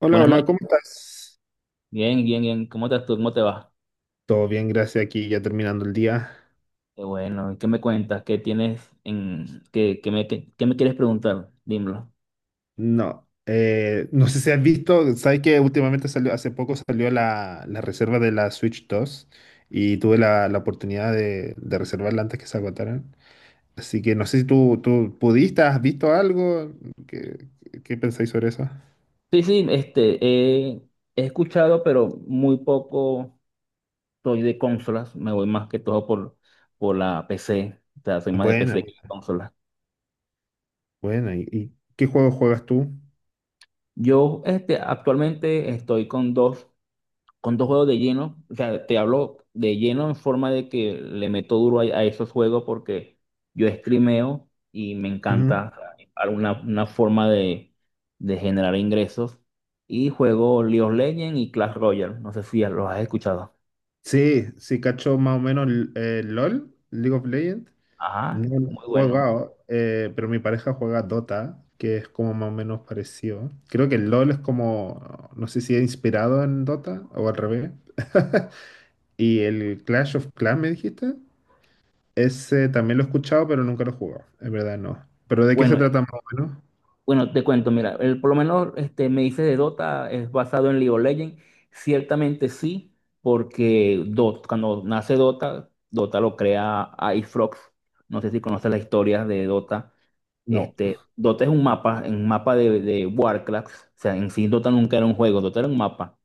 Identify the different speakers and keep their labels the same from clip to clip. Speaker 1: Hola,
Speaker 2: Buenas
Speaker 1: hola,
Speaker 2: noches.
Speaker 1: ¿cómo estás?
Speaker 2: Bien, bien, bien. ¿Cómo estás tú? ¿Cómo te va?
Speaker 1: Todo bien, gracias. Aquí ya terminando el día.
Speaker 2: Qué bueno. ¿Qué me cuentas? ¿Qué tienes en qué me quieres preguntar? Dímelo.
Speaker 1: No, no sé si has visto, sabes que últimamente salió, hace poco salió la reserva de la Switch 2 y tuve la oportunidad de reservarla antes que se agotaran. Así que no sé si tú pudiste, has visto algo. ¿Qué, qué pensáis sobre eso?
Speaker 2: Sí, sí, he escuchado, pero muy poco soy de consolas. Me voy más que todo por la PC. O sea, soy más de
Speaker 1: Buena,
Speaker 2: PC que de
Speaker 1: buena,
Speaker 2: consolas.
Speaker 1: buena. Y qué juego juegas tú?
Speaker 2: Yo, actualmente estoy con dos juegos de lleno, o sea, te hablo de lleno en forma de que le meto duro a esos juegos porque yo streameo y me
Speaker 1: Ujú.
Speaker 2: encanta alguna una forma de generar ingresos. Y juego League of Legends y Clash Royale, no sé si los has escuchado.
Speaker 1: Sí, sí, cacho más o menos el LOL, League of Legends.
Speaker 2: Ajá,
Speaker 1: No
Speaker 2: muy
Speaker 1: he
Speaker 2: bueno.
Speaker 1: jugado, pero mi pareja juega Dota, que es como más o menos parecido. Creo que el LOL es como, no sé si es inspirado en Dota o al revés. Y el Clash of Clans, me dijiste, ese también lo he escuchado, pero nunca lo he jugado. Es verdad, no. ¿Pero de qué se
Speaker 2: Bueno,
Speaker 1: trata más o menos?
Speaker 2: Bueno, te cuento, mira, el, por lo menos este, me dices de Dota, es basado en League of Legends. Ciertamente sí, porque Dota, cuando nace Dota, Dota lo crea Icefrog. No sé si conoces las historias de Dota.
Speaker 1: No,
Speaker 2: Este, Dota es un mapa de Warcraft. O sea, en sí Dota nunca era un juego, Dota era un mapa.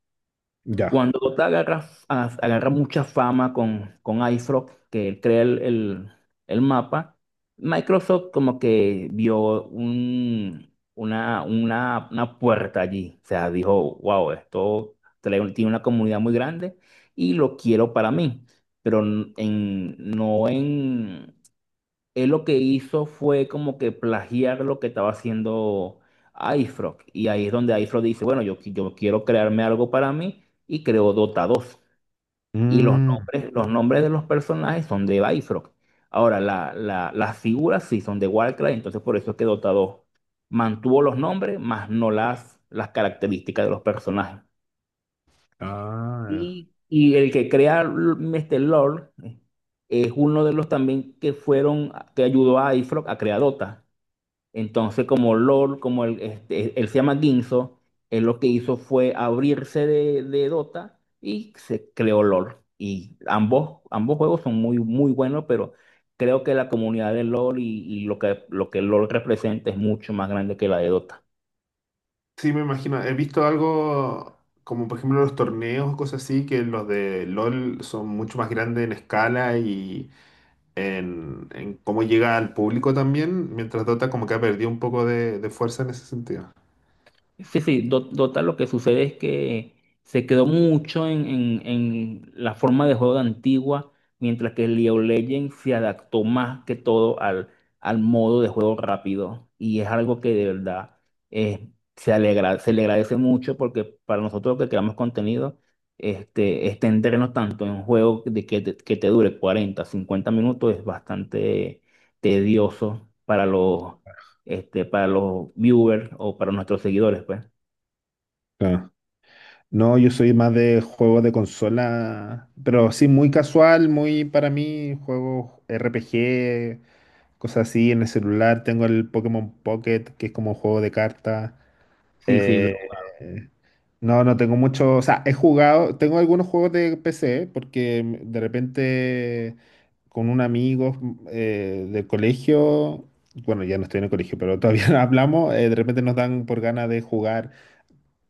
Speaker 1: ya.
Speaker 2: Cuando Dota agarra, agarra mucha fama con iFrog, que él crea el el mapa. Microsoft como que vio una puerta allí. O sea, dijo, wow, tiene una comunidad muy grande y lo quiero para mí, pero n- en, no en él lo que hizo fue como que plagiar lo que estaba haciendo iFrog. Y ahí es donde iFrog dice, bueno, yo quiero crearme algo para mí y creó Dota 2. Y
Speaker 1: Mm,
Speaker 2: los nombres de los personajes son de iFrog. Ahora, las figuras sí son de Warcraft, entonces por eso es que Dota 2 mantuvo los nombres, más no las características de los personajes.
Speaker 1: ah.
Speaker 2: Y el que crea este Lord, es uno de los también que fueron, que ayudó a iFrog a crear Dota. Entonces, como LOL, como él, este, él se llama Ginzo. Él lo que hizo fue abrirse de Dota y se creó LOL. Y ambos juegos son muy, muy buenos, pero creo que la comunidad de LOL y lo que LOL representa es mucho más grande que la de Dota.
Speaker 1: Sí, me imagino. He visto algo como, por ejemplo, los torneos o cosas así, que los de LOL son mucho más grandes en escala y en cómo llega al público también, mientras Dota como que ha perdido un poco de fuerza en ese sentido.
Speaker 2: Sí, sí, Dota lo que sucede es que se quedó mucho en la forma de juego de antigua, mientras que League of Legends se adaptó más que todo al modo de juego rápido. Y es algo que de verdad eh, se alegra, se le agradece mucho porque para nosotros que creamos contenido, este, extendernos tanto en un juego de que te dure 40 50 minutos es bastante tedioso para este, para los viewers o para nuestros seguidores, pues.
Speaker 1: Claro. No, yo soy más de juegos de consola, pero sí muy casual, muy para mí, juegos RPG, cosas así en el celular. Tengo el Pokémon Pocket, que es como un juego de cartas.
Speaker 2: Sí, sí, lo-
Speaker 1: Eh, No, no tengo mucho, o sea, he jugado, tengo algunos juegos de PC porque de repente con un amigo del colegio, bueno, ya no estoy en el colegio, pero todavía hablamos, de repente nos dan por ganas de jugar,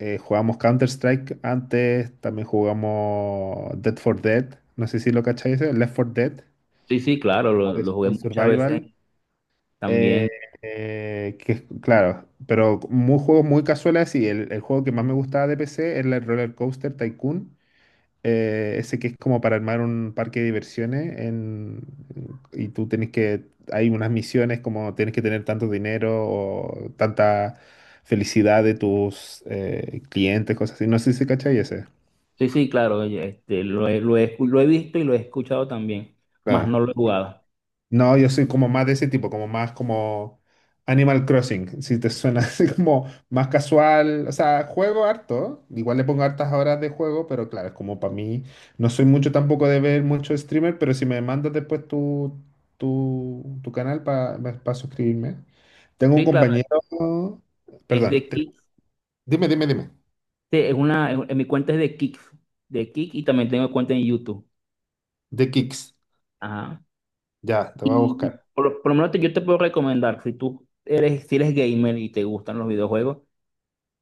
Speaker 1: jugamos Counter-Strike antes, también jugamos Dead for Dead, no sé si lo cacháis, Left for Dead,
Speaker 2: sí, sí, claro, lo
Speaker 1: es
Speaker 2: jugué
Speaker 1: un
Speaker 2: muchas veces
Speaker 1: survival, eh,
Speaker 2: también.
Speaker 1: que claro, pero muy juegos muy casuales y el juego que más me gustaba de PC era el Roller Coaster Tycoon, ese que es como para armar un parque de diversiones y tú tienes que, hay unas misiones como tienes que tener tanto dinero o tanta felicidad de tus clientes, cosas así. No sé si cachai ese.
Speaker 2: Sí, sí, claro, oye, este, lo he visto y lo he escuchado también, más no
Speaker 1: Claro.
Speaker 2: lo he jugado.
Speaker 1: No, yo soy como más de ese tipo, como más como Animal Crossing, si te suena así como más casual, o sea, juego harto, igual le pongo hartas horas de juego, pero claro, es como para mí, no soy mucho tampoco de ver mucho streamer, pero si me mandas después tu canal para suscribirme. Tengo un
Speaker 2: Sí, claro,
Speaker 1: compañero,
Speaker 2: es
Speaker 1: perdón,
Speaker 2: de Kick,
Speaker 1: dime, dime, dime,
Speaker 2: sí, es una, en mi cuenta es de Kick y también tengo cuenta en YouTube.
Speaker 1: de Kicks,
Speaker 2: Ajá.
Speaker 1: ya, te voy a
Speaker 2: Y, y
Speaker 1: buscar.
Speaker 2: por, lo por lo menos yo te puedo recomendar, si tú eres, si eres gamer y te gustan los videojuegos,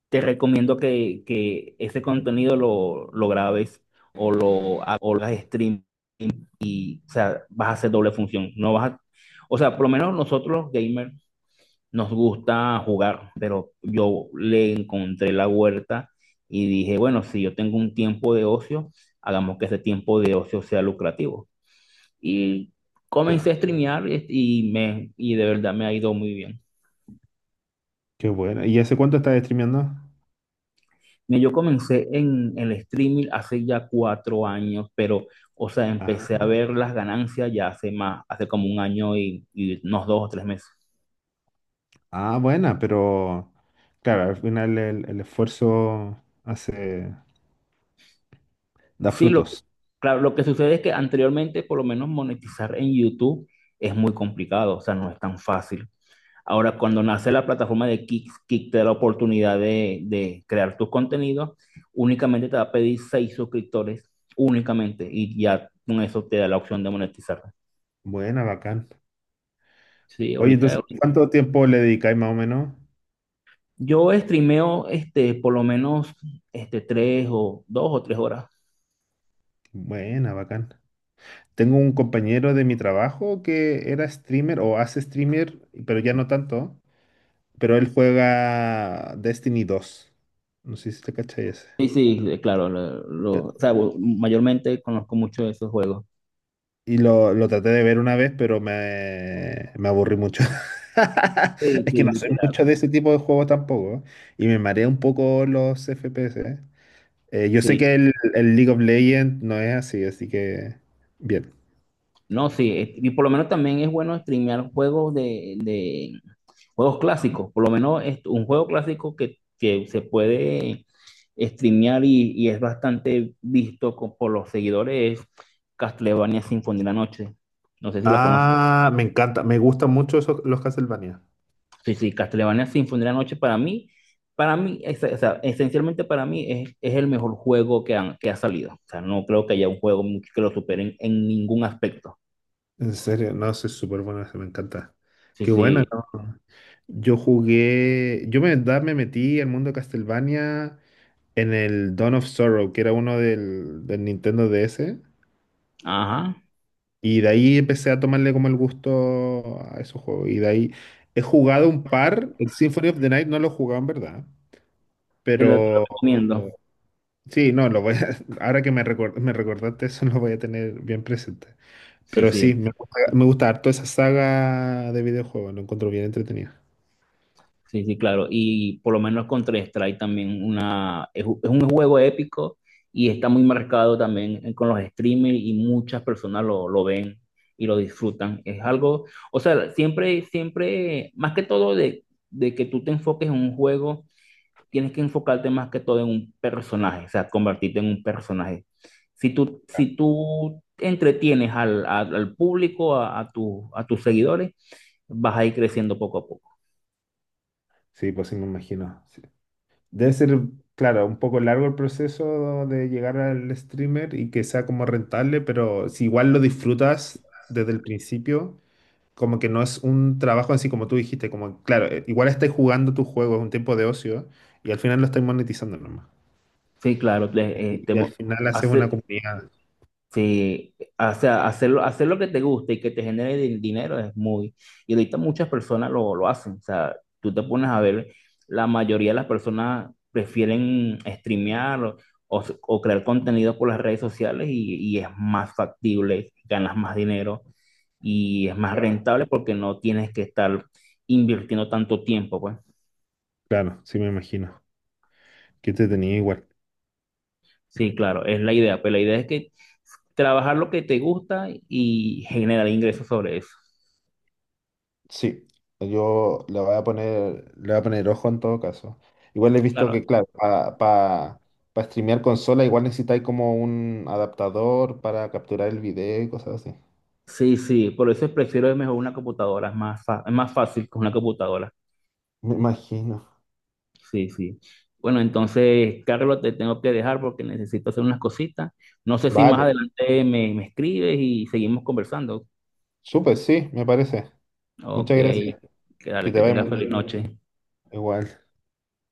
Speaker 2: te recomiendo que ese contenido lo grabes o lo hagas stream, o sea, vas a hacer doble función. No vas a, O sea, por lo menos nosotros los gamers nos gusta jugar, pero yo le encontré la huerta y dije, bueno, si yo tengo un tiempo de ocio, hagamos que ese tiempo de ocio sea lucrativo. Y comencé
Speaker 1: Claro.
Speaker 2: a streamear y de verdad me ha ido muy bien.
Speaker 1: Qué bueno, ¿y hace cuánto estás streameando?
Speaker 2: Mira, yo comencé en el streaming hace ya 4 años, pero, o sea, empecé a ver las ganancias ya hace como un año y unos 2 o 3 meses.
Speaker 1: Ah, buena, pero claro, al final el esfuerzo hace, da
Speaker 2: Sí,
Speaker 1: frutos.
Speaker 2: claro, lo que sucede es que anteriormente, por lo menos monetizar en YouTube es muy complicado, o sea, no es tan fácil. Ahora, cuando nace la plataforma de Kick, Kick te da la oportunidad de crear tus contenidos, únicamente te va a pedir 6 suscriptores, únicamente, y ya con eso te da la opción de monetizar.
Speaker 1: Buena, bacán.
Speaker 2: Sí,
Speaker 1: Oye, entonces,
Speaker 2: ahorita
Speaker 1: ¿cuánto tiempo le dedicáis más o menos?
Speaker 2: yo streameo este, por lo menos este, tres o 2 o 3 horas.
Speaker 1: Buena, bacán. Tengo un compañero de mi trabajo que era streamer o hace streamer, pero ya no tanto, pero él juega Destiny dos. No sé si te cachai ese.
Speaker 2: Sí, sí, claro, o sea, mayormente conozco mucho de esos juegos.
Speaker 1: Y lo traté de ver una vez, pero me aburrí mucho.
Speaker 2: Sí,
Speaker 1: Es
Speaker 2: sí,
Speaker 1: que no soy
Speaker 2: literal.
Speaker 1: mucho de ese tipo de juegos tampoco. Y me marea un poco los FPS. ¿Eh? Yo sé
Speaker 2: Sí,
Speaker 1: que el League of Legends no es así, así que bien.
Speaker 2: no, y por lo menos también es bueno streamear juegos de juegos clásicos, por lo menos es un juego clásico que se puede streamear y es bastante visto por los seguidores es Castlevania Symphony de la Noche. No sé si la conoces.
Speaker 1: Ah, me encanta, me gustan mucho esos, los Castlevania.
Speaker 2: Sí, sí, Castlevania Symphony de la Noche para mí, o sea, esencialmente para mí es el mejor juego que ha salido. O sea, no creo que haya un juego que lo supere en ningún aspecto.
Speaker 1: En serio, no, soy súper bueno, me encanta.
Speaker 2: Sí,
Speaker 1: Qué bueno,
Speaker 2: sí,
Speaker 1: ¿no? Yo jugué, yo me, da- Me metí al mundo de Castlevania en el Dawn of Sorrow, que era uno del Nintendo DS.
Speaker 2: ajá.
Speaker 1: Y de ahí empecé a tomarle como el gusto a esos juegos. Y de ahí he jugado un par. El Symphony of the Night no lo he jugado en verdad.
Speaker 2: Te lo
Speaker 1: Pero
Speaker 2: recomiendo.
Speaker 1: sí, no, ahora que me recordaste eso, lo voy a tener bien presente.
Speaker 2: Sí,
Speaker 1: Pero sí,
Speaker 2: sí,
Speaker 1: me gusta harto esa saga de videojuegos. Lo encuentro bien entretenido.
Speaker 2: sí, claro. Y por lo menos Counter-Strike también es un juego épico y está muy marcado también con los streamers y muchas personas lo ven y lo disfrutan. Es algo, o sea, siempre, más que todo de que tú te enfoques en un juego, tienes que enfocarte más que todo en un personaje, o sea, convertirte en un personaje. Si tú entretienes al público, a a tus seguidores, vas a ir creciendo poco a poco.
Speaker 1: Sí, pues sí, me imagino. Sí. Debe ser, claro, un poco largo el proceso de llegar al streamer y que sea como rentable, pero si igual lo disfrutas desde el principio, como que no es un trabajo así como tú dijiste, como, claro, igual estáis jugando tu juego, es un tiempo de ocio, y al final lo estáis monetizando nomás.
Speaker 2: Sí, claro,
Speaker 1: Y al final haces una
Speaker 2: hace,
Speaker 1: comunidad.
Speaker 2: sí, o sea, hacer lo que te guste y que te genere dinero es muy... Y ahorita muchas personas lo hacen, o sea, tú te pones a ver, la mayoría de las personas prefieren streamear o crear contenido por las redes sociales y es más factible, ganas más dinero y es más rentable porque no tienes que estar invirtiendo tanto tiempo, pues.
Speaker 1: Claro, sí me imagino. Que te tenía igual.
Speaker 2: Sí, claro, es la idea, pero la idea es que trabajar lo que te gusta y generar ingresos sobre eso.
Speaker 1: Sí, yo le voy a poner, le voy a poner ojo en todo caso. Igual he visto
Speaker 2: Claro,
Speaker 1: que, claro, para pa, pa streamear consola, igual necesitáis como un adaptador para capturar el video y cosas así.
Speaker 2: sí, sí, por eso prefiero mejor una computadora, es es más fácil con una computadora.
Speaker 1: Me imagino.
Speaker 2: Sí, sí. Bueno, entonces, Carlos, te tengo que dejar porque necesito hacer unas cositas. No sé si más
Speaker 1: Vale,
Speaker 2: adelante me escribes y seguimos conversando.
Speaker 1: súper, sí, me parece.
Speaker 2: Ok,
Speaker 1: Muchas gracias. Que te
Speaker 2: que
Speaker 1: vaya
Speaker 2: tengas
Speaker 1: muy
Speaker 2: feliz
Speaker 1: bien.
Speaker 2: noche.
Speaker 1: Igual.